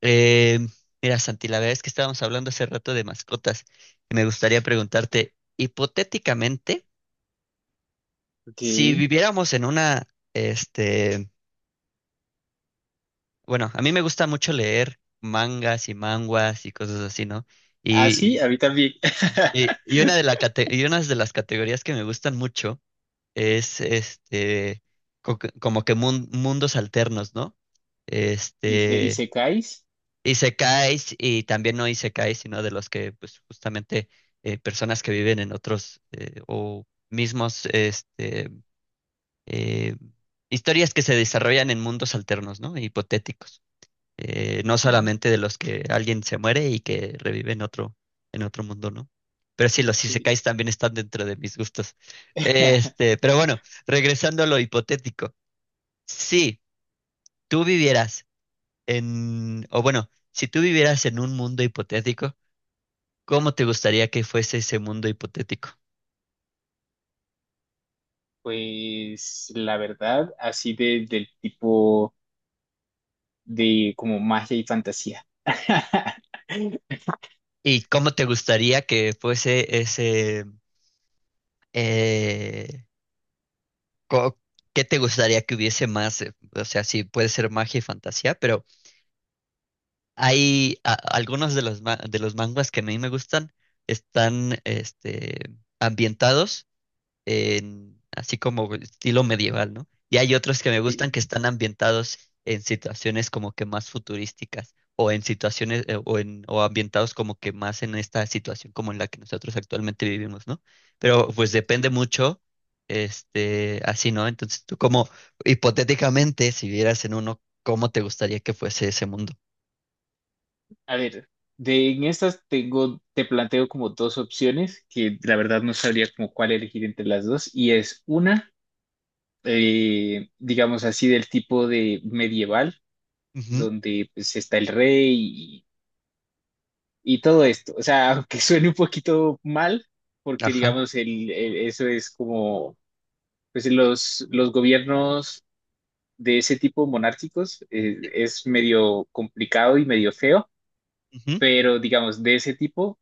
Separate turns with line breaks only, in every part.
Eh, mira, Santi, la verdad es que estábamos hablando hace rato de mascotas y me gustaría preguntarte, hipotéticamente, si
Ok.
viviéramos en una, este, bueno, a mí me gusta mucho leer mangas y manguas y cosas así, ¿no?
Ah, sí,
Y,
a mí también.
y una de la cate- y unas de las categorías que me gustan mucho es, como que mundos alternos, ¿no?
¿Y
Este,
secáis?
Isekais y también no isekais, sino de los que pues justamente personas que viven en otros o mismos eh, historias que se desarrollan en mundos alternos, ¿no? Hipotéticos. No
Ujú.
solamente de los que alguien se muere y que revive en otro mundo, ¿no? Pero sí, los
Ok.
isekais también están dentro de mis gustos. Pero bueno, regresando a lo hipotético. Si tú vivieras en, o bueno, si tú vivieras en un mundo hipotético, ¿cómo te gustaría que fuese ese mundo hipotético?
Pues la verdad, así de, del tipo de como magia y fantasía.
¿Y cómo te gustaría que fuese ese... eh, co- qué te gustaría que hubiese más? O sea, sí, puede ser magia y fantasía, pero hay algunos de los, de los manguas que a mí me gustan, están ambientados en- así como estilo medieval, ¿no? Y hay otros que me gustan
Sí,
que están ambientados en situaciones como que más futurísticas o en situaciones o en o ambientados como que más en esta situación como en la que nosotros actualmente vivimos, ¿no? Pero pues depende
sí.
mucho así, ¿no? Entonces tú como hipotéticamente si vieras en uno, ¿cómo te gustaría que fuese ese mundo?
A ver, de en estas tengo, te planteo como dos opciones que la verdad no sabría como cuál elegir entre las dos. Y es una, digamos así, del tipo de medieval,
Ujú,
donde pues está el rey y todo esto. O sea, aunque suene un poquito mal, porque
ajá,
digamos, eso es como, pues los gobiernos de ese tipo monárquicos,
sí,
es medio complicado y medio feo,
ujú,
pero digamos, de ese tipo,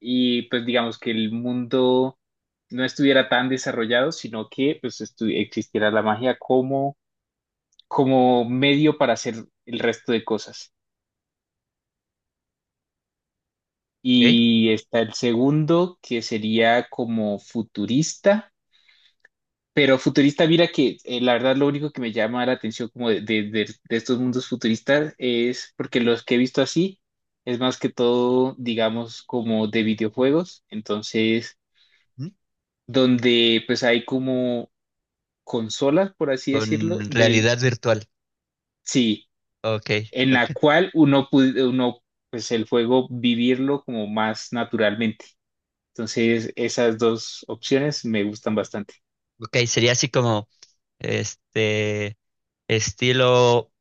y pues digamos que el mundo no estuviera tan desarrollado, sino que pues existiera la magia como, como medio para hacer el resto de cosas.
ok,
Y está el segundo, que sería como futurista. Pero futurista, mira que, la verdad lo único que me llama la atención como de estos mundos futuristas es porque los que he visto así es más que todo, digamos, como de videojuegos, entonces,
ujú.
donde pues hay como consolas, por así decirlo,
Con
de,
realidad virtual.
sí,
Ok,
en
ok.
la cual uno pues el juego vivirlo como más naturalmente. Entonces, esas dos opciones me gustan bastante.
Ok, sería así como Este, estilo,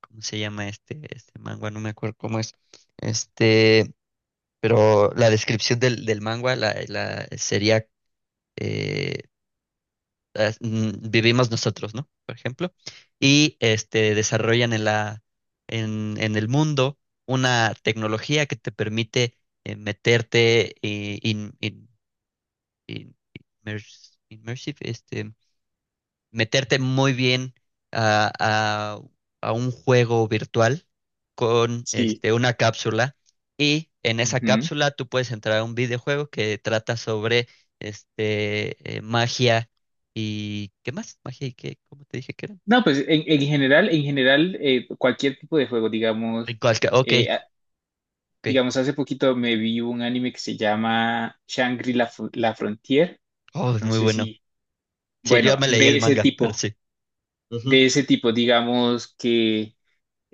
¿cómo se llama este? Este manga, no me acuerdo cómo es. Este, pero la descripción del manga la sería eh, vivimos nosotros, ¿no? Por ejemplo. Y este desarrollan en la en el mundo una tecnología que te permite meterte in- immersive, meterte muy bien a, a- a un juego virtual con
Sí.
una cápsula y en esa cápsula tú puedes entrar a un videojuego que trata sobre magia y... ¿Qué más? Magia y qué, ¿cómo te dije que era?
No, pues en general, cualquier tipo de juego,
Ay,
digamos,
Ok,
eh, a-
ok.
digamos, hace poquito me vi un anime que se llama Shangri-La Fr- La Frontier,
Oh, es
no
muy
sé
bueno.
si,
Sí, yo
bueno,
me leí el manga, pero sí. Ujú.
de ese tipo, digamos que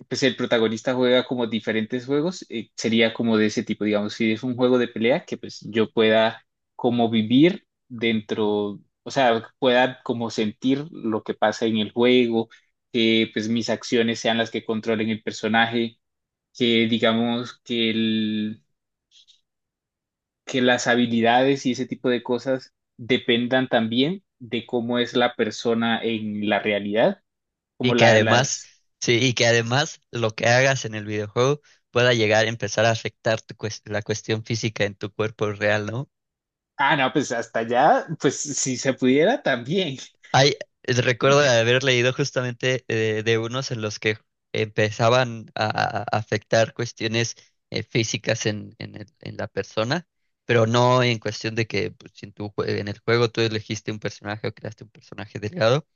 pues el protagonista juega como diferentes juegos, sería como de ese tipo, digamos, si es un juego de pelea, que pues yo pueda como vivir dentro, o sea, pueda como sentir lo que pasa en el juego, que pues mis acciones sean las que controlen el personaje, que digamos que, el, que las habilidades y ese tipo de cosas dependan también de cómo es la persona en la realidad,
Y
como
que
la,
además,
las
sí, y que además lo que hagas en el videojuego pueda llegar a empezar a afectar la cuestión física en tu cuerpo real, ¿no?
Ah, no, pues hasta allá, pues si se pudiera también.
Hay, recuerdo haber leído justamente de unos en los que empezaban a afectar cuestiones físicas en, en la persona, pero no en cuestión de que pues, si en, en el juego tú elegiste un personaje o creaste un personaje delgado,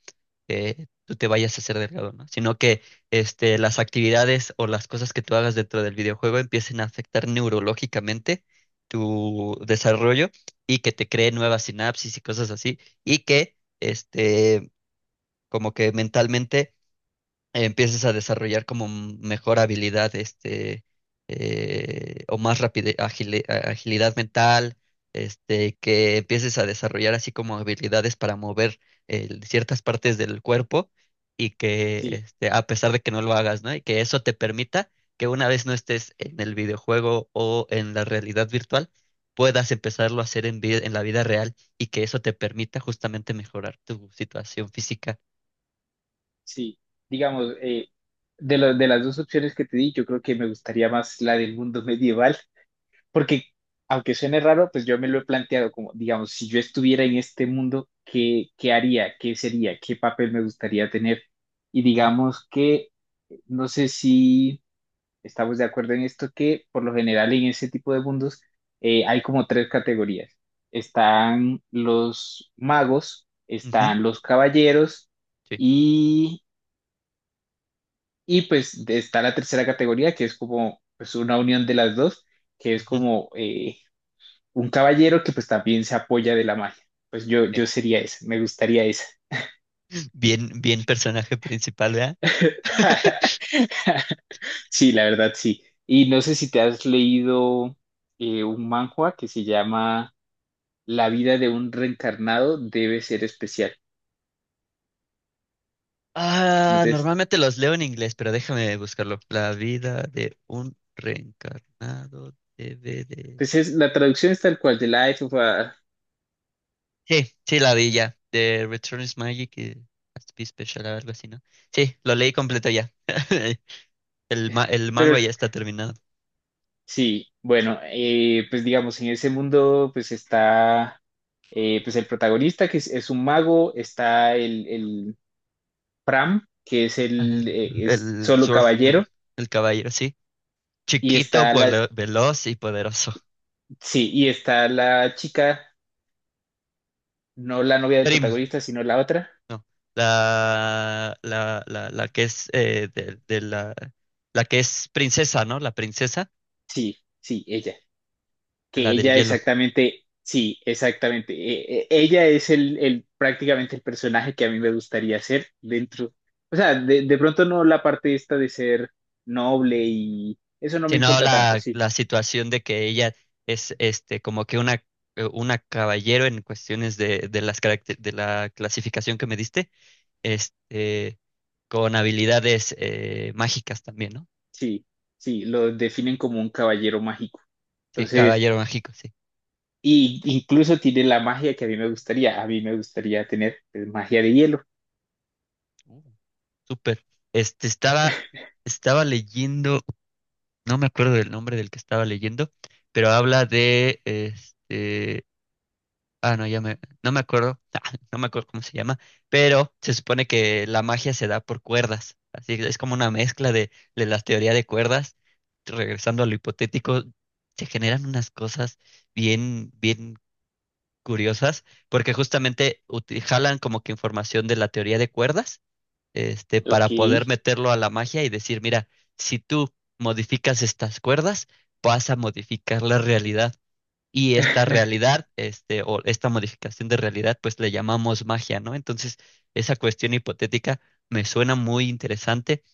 tú te vayas a hacer delgado, ¿no? Sino que las actividades o las cosas que tú hagas dentro del videojuego empiecen a afectar neurológicamente tu desarrollo y que te cree nuevas sinapsis y cosas así, y que como que mentalmente empieces a desarrollar como mejor habilidad, o más agilidad mental, que empieces a desarrollar así como habilidades para mover ciertas partes del cuerpo y que,
Sí,
a pesar de que no lo hagas, ¿no? Y que eso te permita que una vez no estés en el videojuego o en la realidad virtual, puedas empezarlo a hacer en, en la vida real y que eso te permita justamente mejorar tu situación física.
sí. Digamos, de las dos opciones que te di, yo creo que me gustaría más la del mundo medieval, porque aunque suene raro, pues yo me lo he planteado como, digamos, si yo estuviera en este mundo, ¿qué, qué haría? ¿Qué sería? ¿Qué papel me gustaría tener? Y
Ujú,
digamos que, no sé si... Estamos de acuerdo en esto que por lo general en ese tipo de mundos, hay como tres categorías. Están los magos,
ujú,
están los caballeros y, está la tercera categoría que es como pues una unión de las dos, que es
sí.
como, un caballero que pues también se apoya de la magia. Pues yo sería esa, me gustaría esa.
Bien, bien personaje principal, ¿verdad?
Sí, la verdad sí. Y no sé si te has leído, un manhwa que se llama... La vida de un reencarnado debe ser especial.
Ah,
Entonces,
normalmente los leo en inglés, pero déjame buscarlo. La vida de un reencarnado DVD.
pues es, la traducción es tal cual, de Life of a...
Sí, sí, la vi ya. The Return is Magic y Has to be Special, algo así, ¿no? Sí, lo leí completo ya. El, el manga
Pero
ya está terminado.
sí, bueno, pues digamos, en ese mundo pues está, pues el protagonista que es un mago, está el Pram, que es el,
El,
es
el
solo caballero,
Sword- el caballero, sí.
y
Chiquito,
está la,
veloz y poderoso.
sí, y está la chica, no la novia del
Prim,
protagonista, sino la otra.
no, la que es de la, la que es princesa, ¿no? La princesa,
Sí, sí, ella. Que
la del
ella
hielo.
exactamente, sí, exactamente. Ella es prácticamente el personaje que a mí me gustaría ser dentro. O sea, de pronto no la parte esta de ser noble y eso no me
Sino
importa tanto, sí,
la situación de que ella es este como que una caballero en cuestiones de de la clasificación que me diste, este, con habilidades mágicas también, ¿no?
sí, sí, lo definen como un caballero mágico.
Sí,
Entonces,
caballero mágico, sí.
y incluso tiene la magia que a mí me gustaría. A mí me gustaría tener pues, magia de hielo.
Uh, súper. Este estaba, estaba leyendo. No me acuerdo del nombre del que estaba leyendo, pero habla de no me acuerdo, ah, no me acuerdo cómo se llama, pero se supone que la magia se da por cuerdas, así que es como una mezcla de las teorías de cuerdas, regresando a lo hipotético, se generan unas cosas bien, bien curiosas, porque justamente jalan como que información de la teoría de cuerdas para
Ok,
poder meterlo a la magia y decir, mira, si tú modificas estas cuerdas, vas a modificar la realidad. Y esta realidad, o esta modificación de realidad, pues le llamamos magia, ¿no? Entonces, esa cuestión hipotética me suena muy interesante.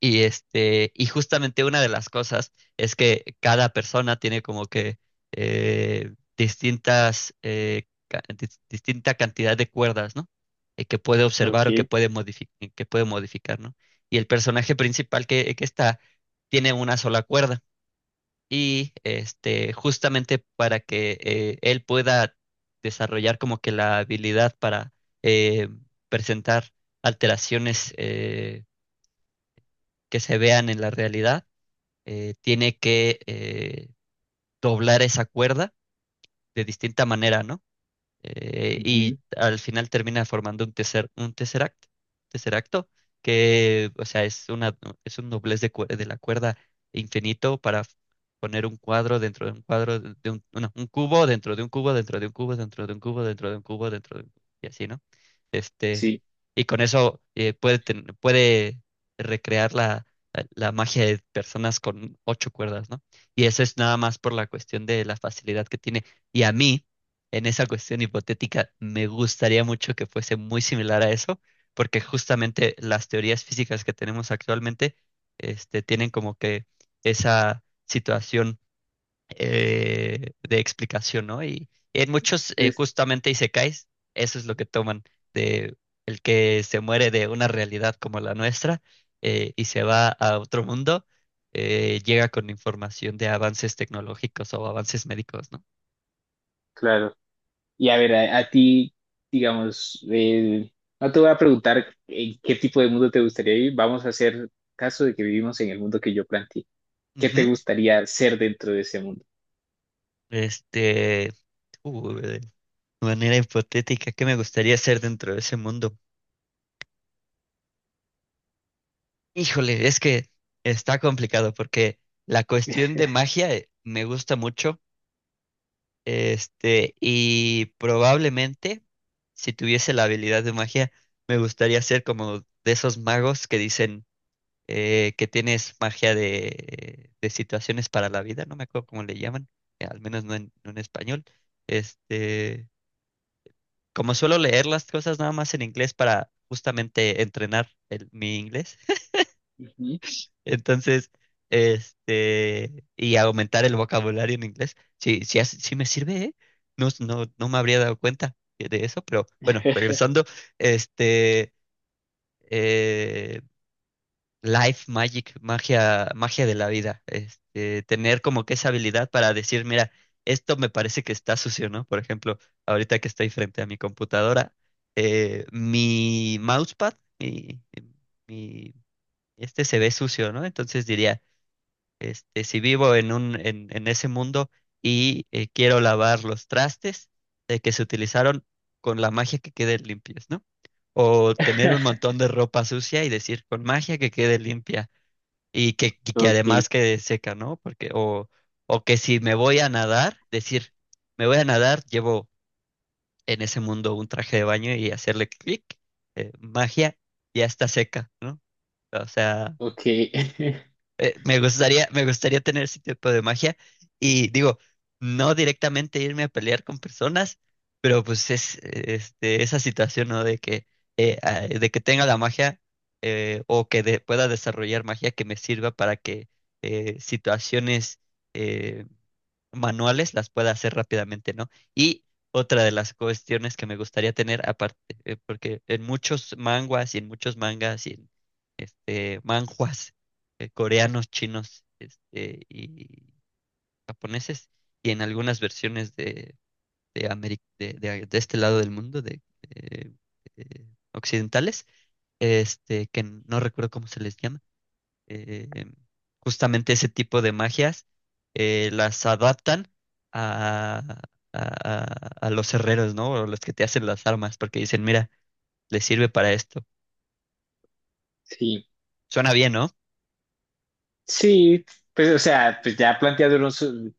Y y justamente una de las cosas es que cada persona tiene como que distinta cantidad de cuerdas, ¿no? Que puede observar o que
ok.
puede modificar, ¿no? Y el personaje principal que está tiene una sola cuerda. Y justamente para que él pueda desarrollar como que la habilidad para eh, presentar alteraciones que se vean en la realidad, tiene que doblar esa cuerda de distinta manera, ¿no? eh,
Ujú.
y al final termina formando un tesseract, tesseracto, que, o sea, es una, es un doblez de la cuerda infinito poner un cuadro dentro de un cuadro, de un, no, un cubo dentro de un cubo, dentro de un cubo, dentro de un cubo, dentro de un cubo, dentro de un cubo, y así, ¿no? Este,
Sí,
y con eso puede recrear la magia de personas con ocho cuerdas, ¿no? Y eso es nada más por la cuestión de la facilidad que tiene. Y a mí, en esa cuestión hipotética, me gustaría mucho que fuese muy similar a eso, porque justamente las teorías físicas que tenemos actualmente, tienen como que esa situación de explicación, ¿no? Y en muchos,
es
justamente isekais, eso es lo que toman de el que se muere de una realidad como la nuestra, y se va a otro mundo, llega con información de avances tecnológicos o avances médicos, ¿no?
claro. Y a ver, a ti, digamos, no te voy a preguntar en qué tipo de mundo te gustaría vivir, vamos a hacer caso de que vivimos en el mundo que yo planteé. ¿Qué te
Ujú.
gustaría ser dentro de ese mundo?
Este, de manera hipotética, ¿qué me gustaría hacer dentro de ese mundo? Híjole, es que está complicado porque la cuestión de magia me gusta mucho, y probablemente si tuviese la habilidad de magia, me gustaría ser como de esos magos que dicen que tienes magia de situaciones para la vida, no me acuerdo cómo le llaman, al menos no en, no en español, este como suelo leer las cosas nada más en inglés para justamente entrenar mi inglés,
Ujú.
entonces, y aumentar el vocabulario en inglés, sí, sí, sí me sirve, ¿eh? No, no, no me habría dado cuenta de eso, pero bueno, regresando, este, eh, Life Magic, magia, magia de la vida. Tener como que esa habilidad para decir, mira, esto me parece que está sucio, ¿no? Por ejemplo, ahorita que estoy frente a mi computadora, mi mousepad, mi- este se ve sucio, ¿no? Entonces diría, si vivo en un, en ese mundo y quiero lavar los trastes de que se utilizaron con la magia que queden limpios, ¿no? O tener un montón de ropa sucia y decir, con magia que quede limpia y que
Ok,
además quede seca, ¿no? Porque, o que si me voy a nadar, decir, me voy a nadar, llevo en ese mundo un traje de baño y hacerle clic, magia, ya está seca, ¿no? O sea,
ok.
me gustaría tener ese tipo de magia y digo, no directamente irme a pelear con personas, pero pues es esa situación, ¿no? De que tenga la magia, pueda desarrollar magia que me sirva para que situaciones eh, manuales las pueda hacer rápidamente, ¿no? Y otra de las cuestiones que me gustaría tener aparte, porque en muchos manguas y en muchos mangas y en manhwas coreanos, chinos y japoneses, y en algunas versiones de este lado del mundo, de occidentales, que no recuerdo cómo se les llama, eh, justamente ese tipo de magias, las adaptan a, a- a- a los herreros, ¿no? O los que te hacen las armas, porque dicen, mira, les sirve para esto.
Sí,
Suena bien, ¿no?
sí, pues o sea, pues ya planteándolo su-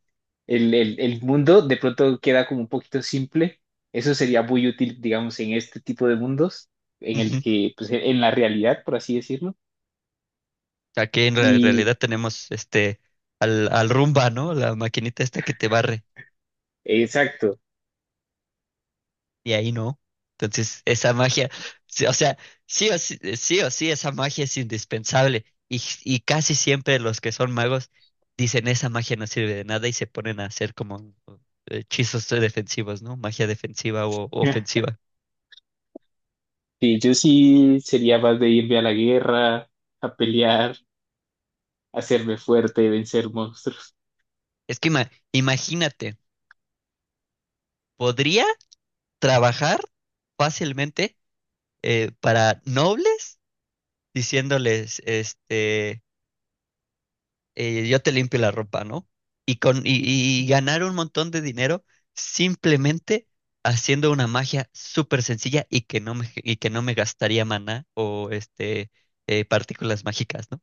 el mundo de pronto queda como un poquito simple. Eso sería muy útil, digamos, en este tipo de mundos, en el
Ujú.
que, pues en la realidad, por así decirlo.
Aquí realidad tenemos al Roomba, ¿no? La maquinita esta que te barre.
Exacto.
Y ahí no. Entonces, esa magia, sí, o sea, sí o sí, esa magia es indispensable. Y casi siempre los que son magos dicen esa magia no sirve de nada y se ponen a hacer como uh, hechizos defensivos, ¿no? Magia defensiva o ofensiva.
Sí, yo sí sería más de irme a la guerra, a pelear, hacerme fuerte, vencer monstruos.
Es que imagínate, podría trabajar fácilmente para nobles diciéndoles, yo te limpio la ropa, ¿no? Y, con, y, y ganar un montón de dinero simplemente haciendo una magia súper sencilla y que no me, y que no me gastaría maná o partículas mágicas, ¿no?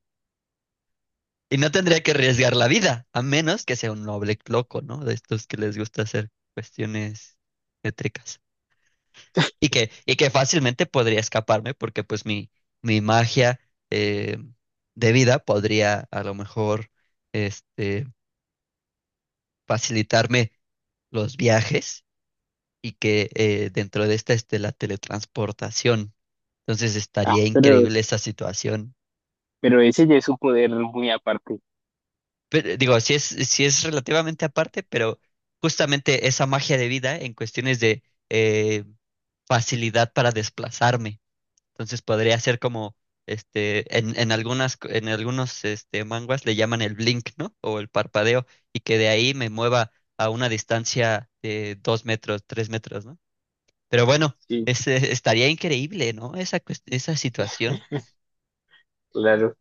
Y no tendría que arriesgar la vida, a menos que sea un noble loco, ¿no? De estos que les gusta hacer cuestiones métricas. Y que fácilmente podría escaparme porque pues mi magia eh, de vida podría a lo mejor este, facilitarme los viajes y que dentro de esta esté la teletransportación. Entonces
Ah,
estaría increíble esa situación.
pero ese ya es un poder muy aparte.
Pero, digo, si es, si es relativamente aparte, pero justamente esa magia de vida en cuestiones de eh, facilidad para desplazarme. Entonces podría ser como en algunas, en algunos manguas le llaman el blink, ¿no? O el parpadeo, y que de ahí me mueva a una distancia de 2 metros, 3 metros, ¿no? Pero bueno,
Sí,
estaría increíble, ¿no? Esa, esa situación.
claro.